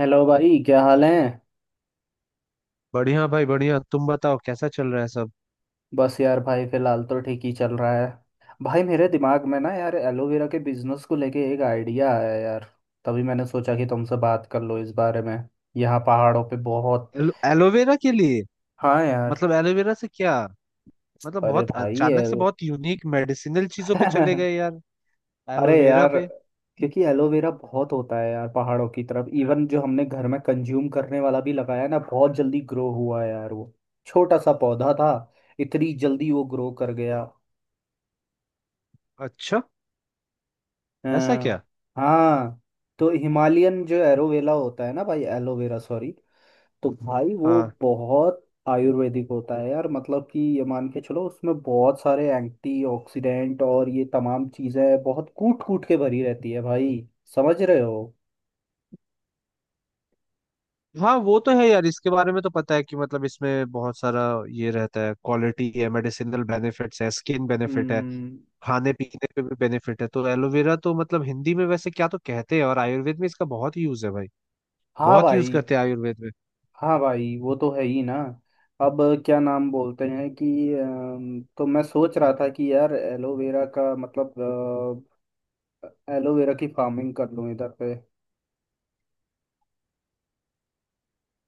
Hello भाई, क्या हाल है। बढ़िया भाई, बढ़िया। तुम बताओ कैसा चल रहा है सब। बस यार भाई, फिलहाल तो ठीक ही चल रहा है। भाई मेरे दिमाग में ना यार एलोवेरा के बिजनेस को लेके एक आइडिया आया यार। तभी मैंने सोचा कि तुमसे बात कर लो इस बारे में। यहाँ पहाड़ों पे बहुत एलोवेरा के लिए? हाँ यार। मतलब एलोवेरा से क्या? मतलब अरे बहुत भाई अचानक से एल बहुत यूनिक मेडिसिनल चीजों पे चले गए यार। अरे एलोवेरा यार, पे? क्योंकि एलोवेरा बहुत होता है यार पहाड़ों की तरफ। इवन जो हमने घर में कंज्यूम करने वाला भी लगाया ना, बहुत जल्दी ग्रो हुआ है यार वो। छोटा सा पौधा था, इतनी जल्दी वो ग्रो कर गया। अच्छा, ऐसा क्या? हाँ। हाँ, तो हिमालयन जो एरोवेला होता है ना भाई, एलोवेरा सॉरी। तो भाई वो हाँ, बहुत आयुर्वेदिक होता है यार। मतलब कि ये मान के चलो, उसमें बहुत सारे एंटीऑक्सीडेंट और ये तमाम चीज़ें बहुत कूट कूट के भरी रहती है भाई। समझ रहे हो। हाँ वो तो है यार, इसके बारे में तो पता है कि मतलब इसमें बहुत सारा ये रहता है। क्वालिटी है, मेडिसिनल बेनिफिट्स है, स्किन बेनिफिट है, हम्म। खाने पीने पे भी बेनिफिट है। तो एलोवेरा तो मतलब हिंदी में वैसे क्या तो कहते हैं, और आयुर्वेद में इसका बहुत यूज है भाई। हाँ बहुत यूज भाई। करते हैं आयुर्वेद में। हाँ भाई, वो तो है ही ना। अब क्या नाम बोलते हैं कि तो मैं सोच रहा था कि यार एलोवेरा का मतलब एलोवेरा की फार्मिंग कर लूँ इधर पे।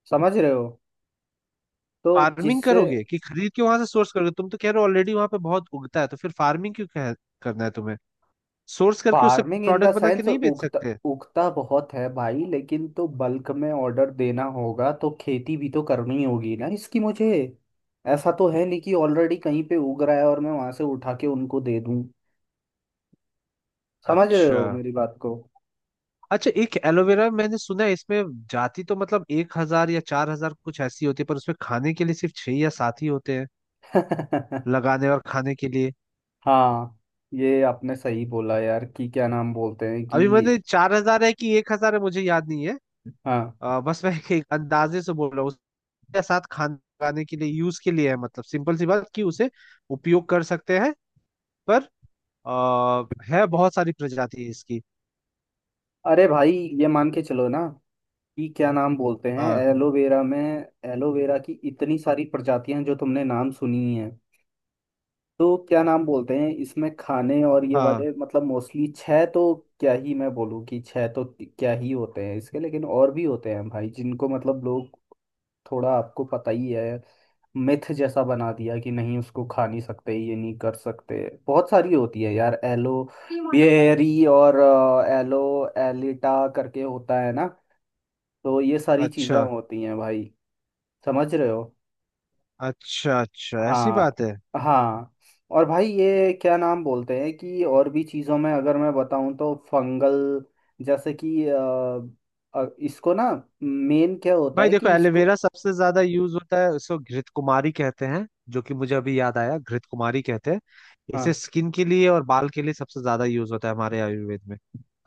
समझ रहे हो। तो फार्मिंग जिससे करोगे कि खरीद के वहां से सोर्स करोगे? तुम तो कह रहे हो ऑलरेडी वहां पे बहुत उगता है, तो फिर फार्मिंग क्यों करना है तुम्हें? सोर्स करके उससे फार्मिंग इन द प्रोडक्ट बना के सेंस नहीं बेच उगता, सकते? उगता बहुत है भाई, लेकिन तो बल्क में ऑर्डर देना होगा तो खेती भी तो करनी होगी ना इसकी मुझे। ऐसा तो है नहीं कि ऑलरेडी कहीं पे उग रहा है और मैं वहां से उठा के उनको दे दूं। समझ रहे अच्छा। हो मेरी बात को। अच्छा, एक एलोवेरा मैंने सुना है इसमें जाति तो मतलब 1,000 या 4,000 कुछ ऐसी होती है, पर उसमें खाने के लिए सिर्फ छह या सात ही होते हैं। लगाने और खाने के लिए। हाँ ये आपने सही बोला यार कि क्या नाम बोलते हैं कि। अभी मैंने 4,000 है कि 1,000 है, मुझे याद नहीं है। हाँ। बस मैं एक अंदाजे से बोल रहा हूँ। उसके साथ खाने लगाने के लिए यूज के लिए है, मतलब सिंपल सी बात कि उसे उपयोग कर सकते हैं। पर आ, है बहुत सारी प्रजाति इसकी। अरे भाई, ये मान के चलो ना कि क्या नाम बोलते हैं हाँ। एलोवेरा में। एलोवेरा की इतनी सारी प्रजातियां हैं जो तुमने नाम सुनी है। तो क्या नाम बोलते हैं इसमें खाने और ये हाँ, वाले, मतलब मोस्टली छह तो। क्या ही मैं बोलूँ कि छह तो क्या ही होते हैं इसके, लेकिन और भी होते हैं भाई जिनको मतलब लोग। थोड़ा आपको पता ही है। मिथ जैसा बना दिया कि नहीं उसको खा नहीं सकते, ये नहीं कर सकते। बहुत सारी होती है यार एलो बेरी और एलो एलिटा करके होता है ना। तो ये सारी चीजें अच्छा। होती हैं भाई। समझ रहे हो। अच्छा, अच्छा ऐसी हाँ बात है। हाँ। और भाई ये क्या नाम बोलते हैं कि, और भी चीज़ों में अगर मैं बताऊँ तो फंगल जैसे कि इसको ना मेन क्या होता भाई है देखो, कि इसको। एलोवेरा सबसे ज्यादा यूज होता है, इसको घृत कुमारी कहते हैं। जो कि मुझे अभी याद आया, घृत कुमारी कहते हैं इसे। हाँ। स्किन के लिए और बाल के लिए सबसे ज्यादा यूज होता है हमारे आयुर्वेद में,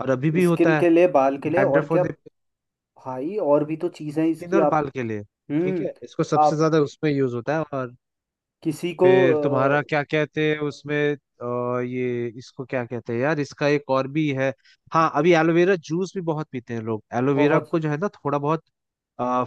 और अभी भी स्किन होता है। के लिए, बाल के लिए, और डैंड्रफ क्या। होने पे, भाई और भी तो चीज़ें हैं स्किन इसकी, और आप। बाल के लिए। ठीक हम्म। है, इसको सबसे आप ज्यादा उसमें यूज होता है। और किसी को फिर तुम्हारा अ, क्या कहते हैं उसमें, ये इसको क्या कहते हैं यार, इसका एक और भी है। हाँ, अभी एलोवेरा जूस भी बहुत पीते हैं लोग। एलोवेरा बहुत। को जो है ना, थोड़ा बहुत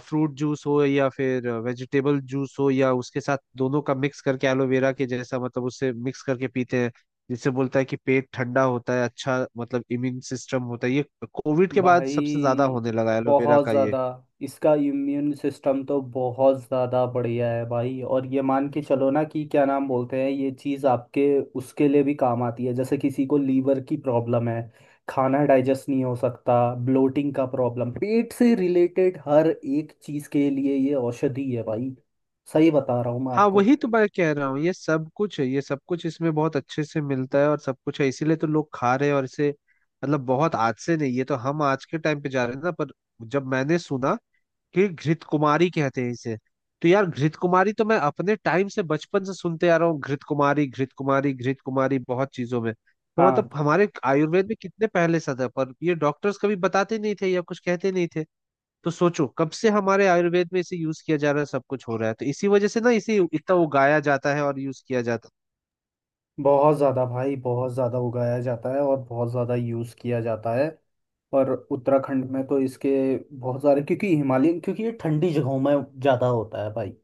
फ्रूट जूस हो या फिर वेजिटेबल जूस हो या उसके साथ दोनों का मिक्स करके एलोवेरा के जैसा मतलब उससे मिक्स करके पीते हैं। जिससे बोलता है कि पेट ठंडा होता है, अच्छा मतलब इम्यून सिस्टम होता है ये। कोविड के बाद सबसे ज्यादा भाई होने लगा एलोवेरा बहुत का ये। ज़्यादा। इसका इम्यून सिस्टम तो बहुत ज़्यादा बढ़िया है भाई। और ये मान के चलो ना कि क्या नाम बोलते हैं, ये चीज़ आपके उसके लिए भी काम आती है। जैसे किसी को लीवर की प्रॉब्लम है, खाना डाइजेस्ट नहीं हो सकता, ब्लोटिंग का प्रॉब्लम, पेट से रिलेटेड हर एक चीज़ के लिए ये औषधि है भाई। सही बता रहा हूँ मैं हाँ, आपको। वही तो मैं कह रहा हूँ। ये सब कुछ है, ये सब कुछ इसमें बहुत अच्छे से मिलता है और सब कुछ है, इसीलिए तो लोग खा रहे हैं। और इसे मतलब बहुत आज से नहीं, ये तो हम आज के टाइम पे जा रहे हैं ना, पर जब मैंने सुना कि घृत कुमारी कहते हैं इसे, तो यार घृत कुमारी तो मैं अपने टाइम से बचपन से सुनते आ रहा हूँ। घृत कुमारी, घृत कुमारी, घृत कुमारी बहुत चीजों में। तो मतलब हाँ, हमारे आयुर्वेद में कितने पहले से था, पर ये डॉक्टर्स कभी बताते नहीं थे या कुछ कहते नहीं थे। तो सोचो कब से हमारे आयुर्वेद में इसे यूज किया जा रहा है, सब कुछ हो रहा है। तो इसी वजह से ना इसे इतना उगाया जाता है और यूज किया जाता है। बहुत ज़्यादा भाई, बहुत ज़्यादा उगाया जाता है और बहुत ज़्यादा यूज़ किया जाता है। पर उत्तराखंड में तो इसके बहुत सारे, क्योंकि हिमालयन, क्योंकि ये ठंडी जगहों में ज़्यादा होता है भाई।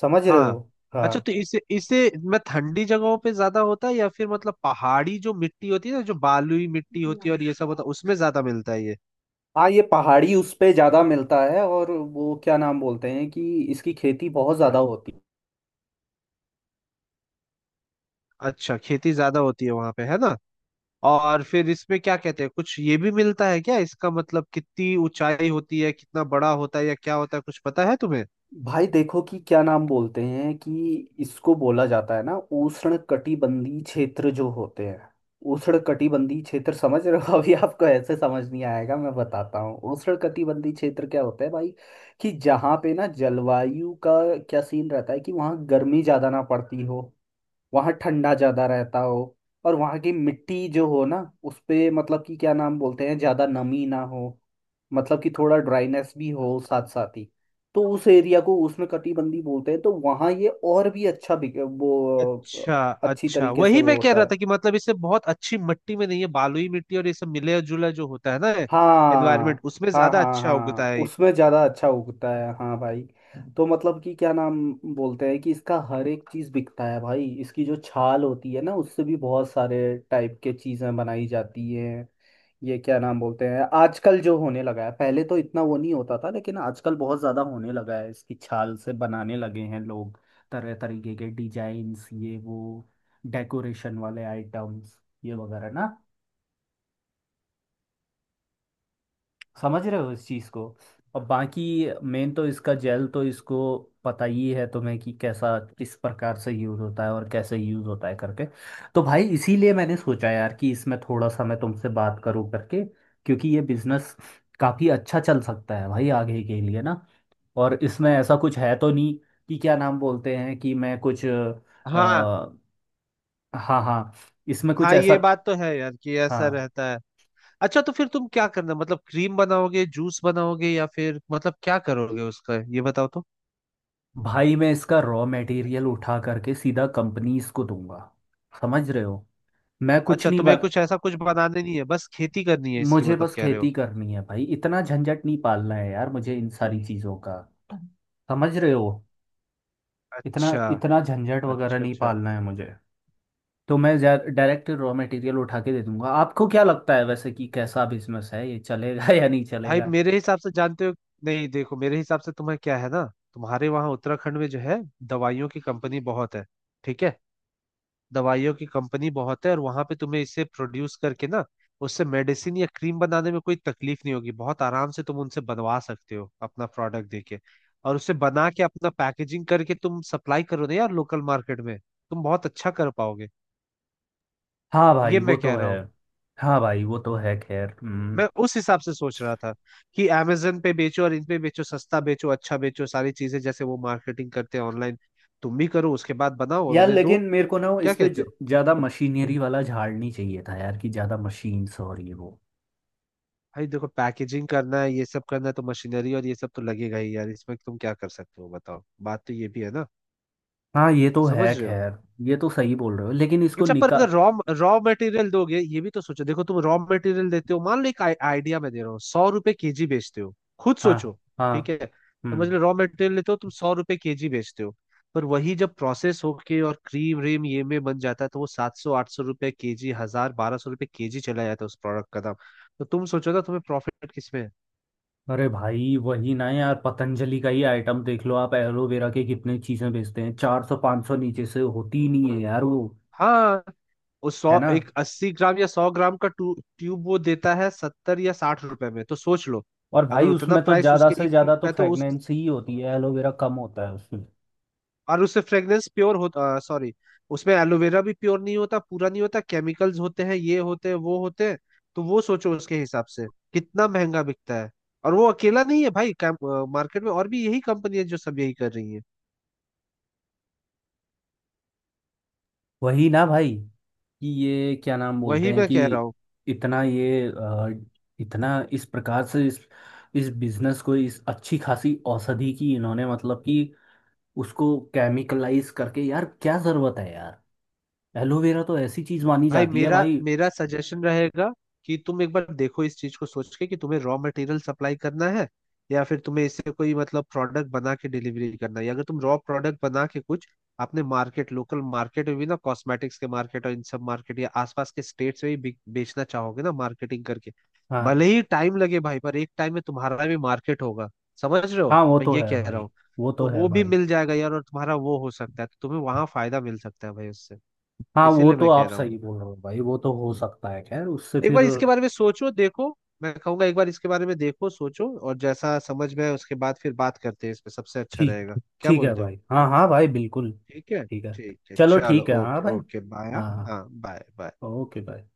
समझ रहे हो। हाँ। अच्छा, हाँ। तो इसे इसे मैं ठंडी जगहों पे ज्यादा होता है या फिर मतलब पहाड़ी जो मिट्टी होती है ना, जो बालुई मिट्टी होती है और ये सब होता है, उसमें ज्यादा मिलता है ये? हाँ, ये पहाड़ी उस पे ज़्यादा मिलता है। और वो क्या नाम बोलते हैं कि इसकी खेती बहुत ज़्यादा होती है। अच्छा, खेती ज्यादा होती है वहां पे, है ना? और फिर इसमें क्या कहते हैं, कुछ ये भी मिलता है क्या इसका? मतलब कितनी ऊंचाई होती है, कितना बड़ा होता है या क्या होता है, कुछ पता है तुम्हें? भाई देखो कि क्या नाम बोलते हैं कि, इसको बोला जाता है ना उष्ण कटिबंधीय क्षेत्र जो होते हैं। उष्ण कटिबंधीय क्षेत्र, समझ रहे हो। अभी आपको ऐसे समझ नहीं आएगा, मैं बताता हूँ उष्ण कटिबंधीय क्षेत्र क्या होता है भाई। कि जहाँ पे ना जलवायु का क्या सीन रहता है कि वहाँ गर्मी ज्यादा ना पड़ती हो, वहाँ ठंडा ज़्यादा रहता हो। और वहाँ की मिट्टी जो हो ना, उस पे मतलब कि क्या नाम बोलते हैं, ज़्यादा नमी ना हो। मतलब कि थोड़ा ड्राइनेस भी हो साथ साथ ही। तो उस एरिया को उसमें कटिबंधी बोलते हैं। तो वहाँ ये और भी अच्छा वो अच्छा, अच्छी अच्छा, तरीके से वही वो मैं कह होता रहा है। था कि मतलब इसे बहुत अच्छी मिट्टी में नहीं है, बालुई मिट्टी और ये सब मिले जुला जो होता है ना, एनवायरमेंट हाँ। उसमें हाँ ज्यादा हाँ अच्छा हाँ, उगता है। उसमें ज़्यादा अच्छा उगता है हाँ भाई। तो मतलब कि क्या नाम बोलते हैं कि इसका हर एक चीज़ बिकता है भाई। इसकी जो छाल होती है ना, उससे भी बहुत सारे टाइप के चीज़ें बनाई जाती हैं। ये क्या नाम बोलते हैं आजकल जो होने लगा है, पहले तो इतना वो नहीं होता था, लेकिन आजकल बहुत ज़्यादा होने लगा है। इसकी छाल से बनाने लगे हैं लोग तरह तरीके के डिजाइन्स, ये वो, डेकोरेशन वाले आइटम्स, ये वगैरह ना। समझ रहे हो इस चीज़ को। और बाकी मेन तो इसका जेल तो, इसको पता ही है तुम्हें कि कैसा किस प्रकार से यूज़ होता है और कैसे यूज़ होता है करके। तो भाई इसीलिए मैंने सोचा यार कि इसमें थोड़ा सा मैं तुमसे बात करूं करके। क्योंकि ये बिजनेस काफ़ी अच्छा चल सकता है भाई आगे के लिए ना। और इसमें ऐसा कुछ है तो नहीं कि क्या नाम बोलते हैं कि मैं कुछ हाँ, हाँ हाँ, इसमें कुछ हाँ, ऐसा। ये बात तो है यार, कि ऐसा हाँ रहता है। अच्छा, तो फिर तुम क्या करना, मतलब क्रीम बनाओगे, जूस बनाओगे, या फिर मतलब क्या करोगे उसका, ये बताओ तो। भाई, मैं इसका रॉ मटेरियल उठा करके सीधा कंपनीज को दूंगा। समझ रहे हो। मैं कुछ अच्छा, नहीं तुम्हें बन। कुछ ऐसा कुछ बनाने नहीं है, बस खेती करनी है इसकी, मुझे मतलब बस कह रहे खेती हो? करनी है भाई, इतना झंझट नहीं पालना है यार मुझे इन सारी चीज़ों का। समझ रहे हो। इतना अच्छा। इतना झंझट वगैरह अच्छा, नहीं अच्छा। पालना है मुझे। तो मैं डायरेक्ट रॉ मटेरियल उठा के दे दूंगा। आपको क्या लगता है वैसे कि कैसा बिजनेस है, ये चलेगा या नहीं भाई चलेगा। मेरे हिसाब से, जानते हो, नहीं देखो, मेरे हिसाब से तुम्हें क्या है ना, तुम्हारे वहां उत्तराखंड में जो है, दवाइयों की कंपनी बहुत है। ठीक है, दवाइयों की कंपनी बहुत है, और वहां पे तुम्हें इसे प्रोड्यूस करके ना उससे मेडिसिन या क्रीम बनाने में कोई तकलीफ नहीं होगी। बहुत आराम से तुम उनसे बनवा सकते हो अपना प्रोडक्ट देके, और उसे बना के अपना पैकेजिंग करके तुम सप्लाई करो ना यार लोकल मार्केट में, तुम बहुत अच्छा कर पाओगे। हाँ भाई ये वो मैं तो कह है। रहा हूँ। हाँ भाई वो तो है खैर। मैं उस हिसाब से सोच रहा था कि amazon पे बेचो और इन पे बेचो, सस्ता बेचो, अच्छा बेचो, सारी चीजें जैसे वो मार्केटिंग करते हैं ऑनलाइन, तुम भी करो, उसके बाद बनाओ और यार उन्हें लेकिन दो। मेरे को ना वो क्या इस पे कहते हो? ज्यादा मशीनरी वाला झाड़ नहीं चाहिए था यार कि ज्यादा मशीन्स और ये वो। भाई देखो, पैकेजिंग करना है, ये सब करना है, तो मशीनरी और ये सब तो लगेगा ही यार इसमें, तुम क्या कर सकते हो बताओ? बात तो ये भी है ना, हाँ ये तो है समझ रहे हो? खैर। ये तो सही बोल रहे हो, लेकिन इसको अच्छा पर निका। अगर रॉ रॉ मटेरियल दोगे, ये भी तो सोचो। देखो, तुम रॉ मटेरियल देते हो, मान लो, एक आइडिया मैं दे रहा हूँ, 100 रुपए/किलो बेचते हो, खुद हाँ सोचो। ठीक हाँ। है, समझ हम्म। लो रॉ मटेरियल लेते हो, तुम 100 रुपए/किलो बेचते हो। पर वही जब प्रोसेस होके और क्रीम व्रीम ये में बन जाता है, तो वो 700–800 रुपए/किलो, 1,000–1,200 रुपए/किलो चला जाता है उस प्रोडक्ट का दाम। तो तुम सोचो ना, तुम्हें प्रॉफिट किसमें है? अरे भाई वही ना यार, पतंजलि का ही आइटम देख लो आप, एलोवेरा के कितने चीजें बेचते हैं, 400 500 नीचे से होती ही नहीं है यार वो। हाँ, वो है सौ ना। एक 80 ग्राम या 100 ग्राम का ट्यूब वो देता है 70 या 60 रुपए में, तो सोच लो। और अगर भाई उतना उसमें तो प्राइस ज्यादा उसके से एक ट्यूब ज्यादा का तो है तो उस, फ्रेगनेंस ही होती है, एलोवेरा कम होता है उसमें। और उससे फ्रेग्रेंस प्योर होता, सॉरी, उसमें एलोवेरा भी प्योर नहीं होता, पूरा नहीं होता, केमिकल्स होते हैं, ये होते हैं, वो होते हैं। तो वो सोचो उसके हिसाब से कितना महंगा बिकता है। और वो अकेला नहीं है भाई, मार्केट में और भी यही कंपनी है जो सब यही कर रही है। वही ना भाई कि ये क्या नाम बोलते वही हैं मैं कि, कह रहा हूँ। इतना ये इतना इस प्रकार से इस बिजनेस को, इस अच्छी खासी औषधि की इन्होंने मतलब कि उसको केमिकलाइज करके यार, क्या जरूरत है यार। एलोवेरा तो ऐसी चीज मानी भाई जाती है मेरा भाई। मेरा सजेशन रहेगा कि तुम एक बार देखो इस चीज को सोच के, कि तुम्हें रॉ मटेरियल सप्लाई करना है, या फिर तुम्हें इससे कोई मतलब प्रोडक्ट बना के डिलीवरी करना है, या अगर तुम रॉ प्रोडक्ट बना के कुछ अपने मार्केट, लोकल मार्केट में भी ना, कॉस्मेटिक्स के मार्केट और इन सब मार्केट या आसपास के स्टेट्स में भी बेचना चाहोगे ना मार्केटिंग करके। हाँ। भले ही टाइम लगे भाई, पर एक टाइम में तुम्हारा भी मार्केट होगा। समझ रहे हो हाँ वो मैं तो ये है कह रहा भाई, हूँ? वो तो तो है वो भी भाई। मिल जाएगा यार, और तुम्हारा वो हो सकता है, तो तुम्हें वहां फायदा मिल सकता है भाई उससे। हाँ वो इसीलिए तो मैं कह आप रहा हूँ सही बोल रहे हो भाई, वो तो हो सकता है खैर उससे एक फिर। बार इसके बारे में सोचो देखो। मैं कहूंगा एक बार इसके बारे में देखो, सोचो, और जैसा समझ में आए उसके बाद फिर बात करते हैं इस पे, सबसे अच्छा रहेगा। ठीक, क्या ठीक है बोलते हो? भाई। हाँ हाँ भाई बिल्कुल ठीक है। ठीक है। ठीक है, चलो चलो, ठीक है हाँ ओके, भाई। Okay, bye. हाँ हाँ। हाँ, बाय बाय। ओके भाई।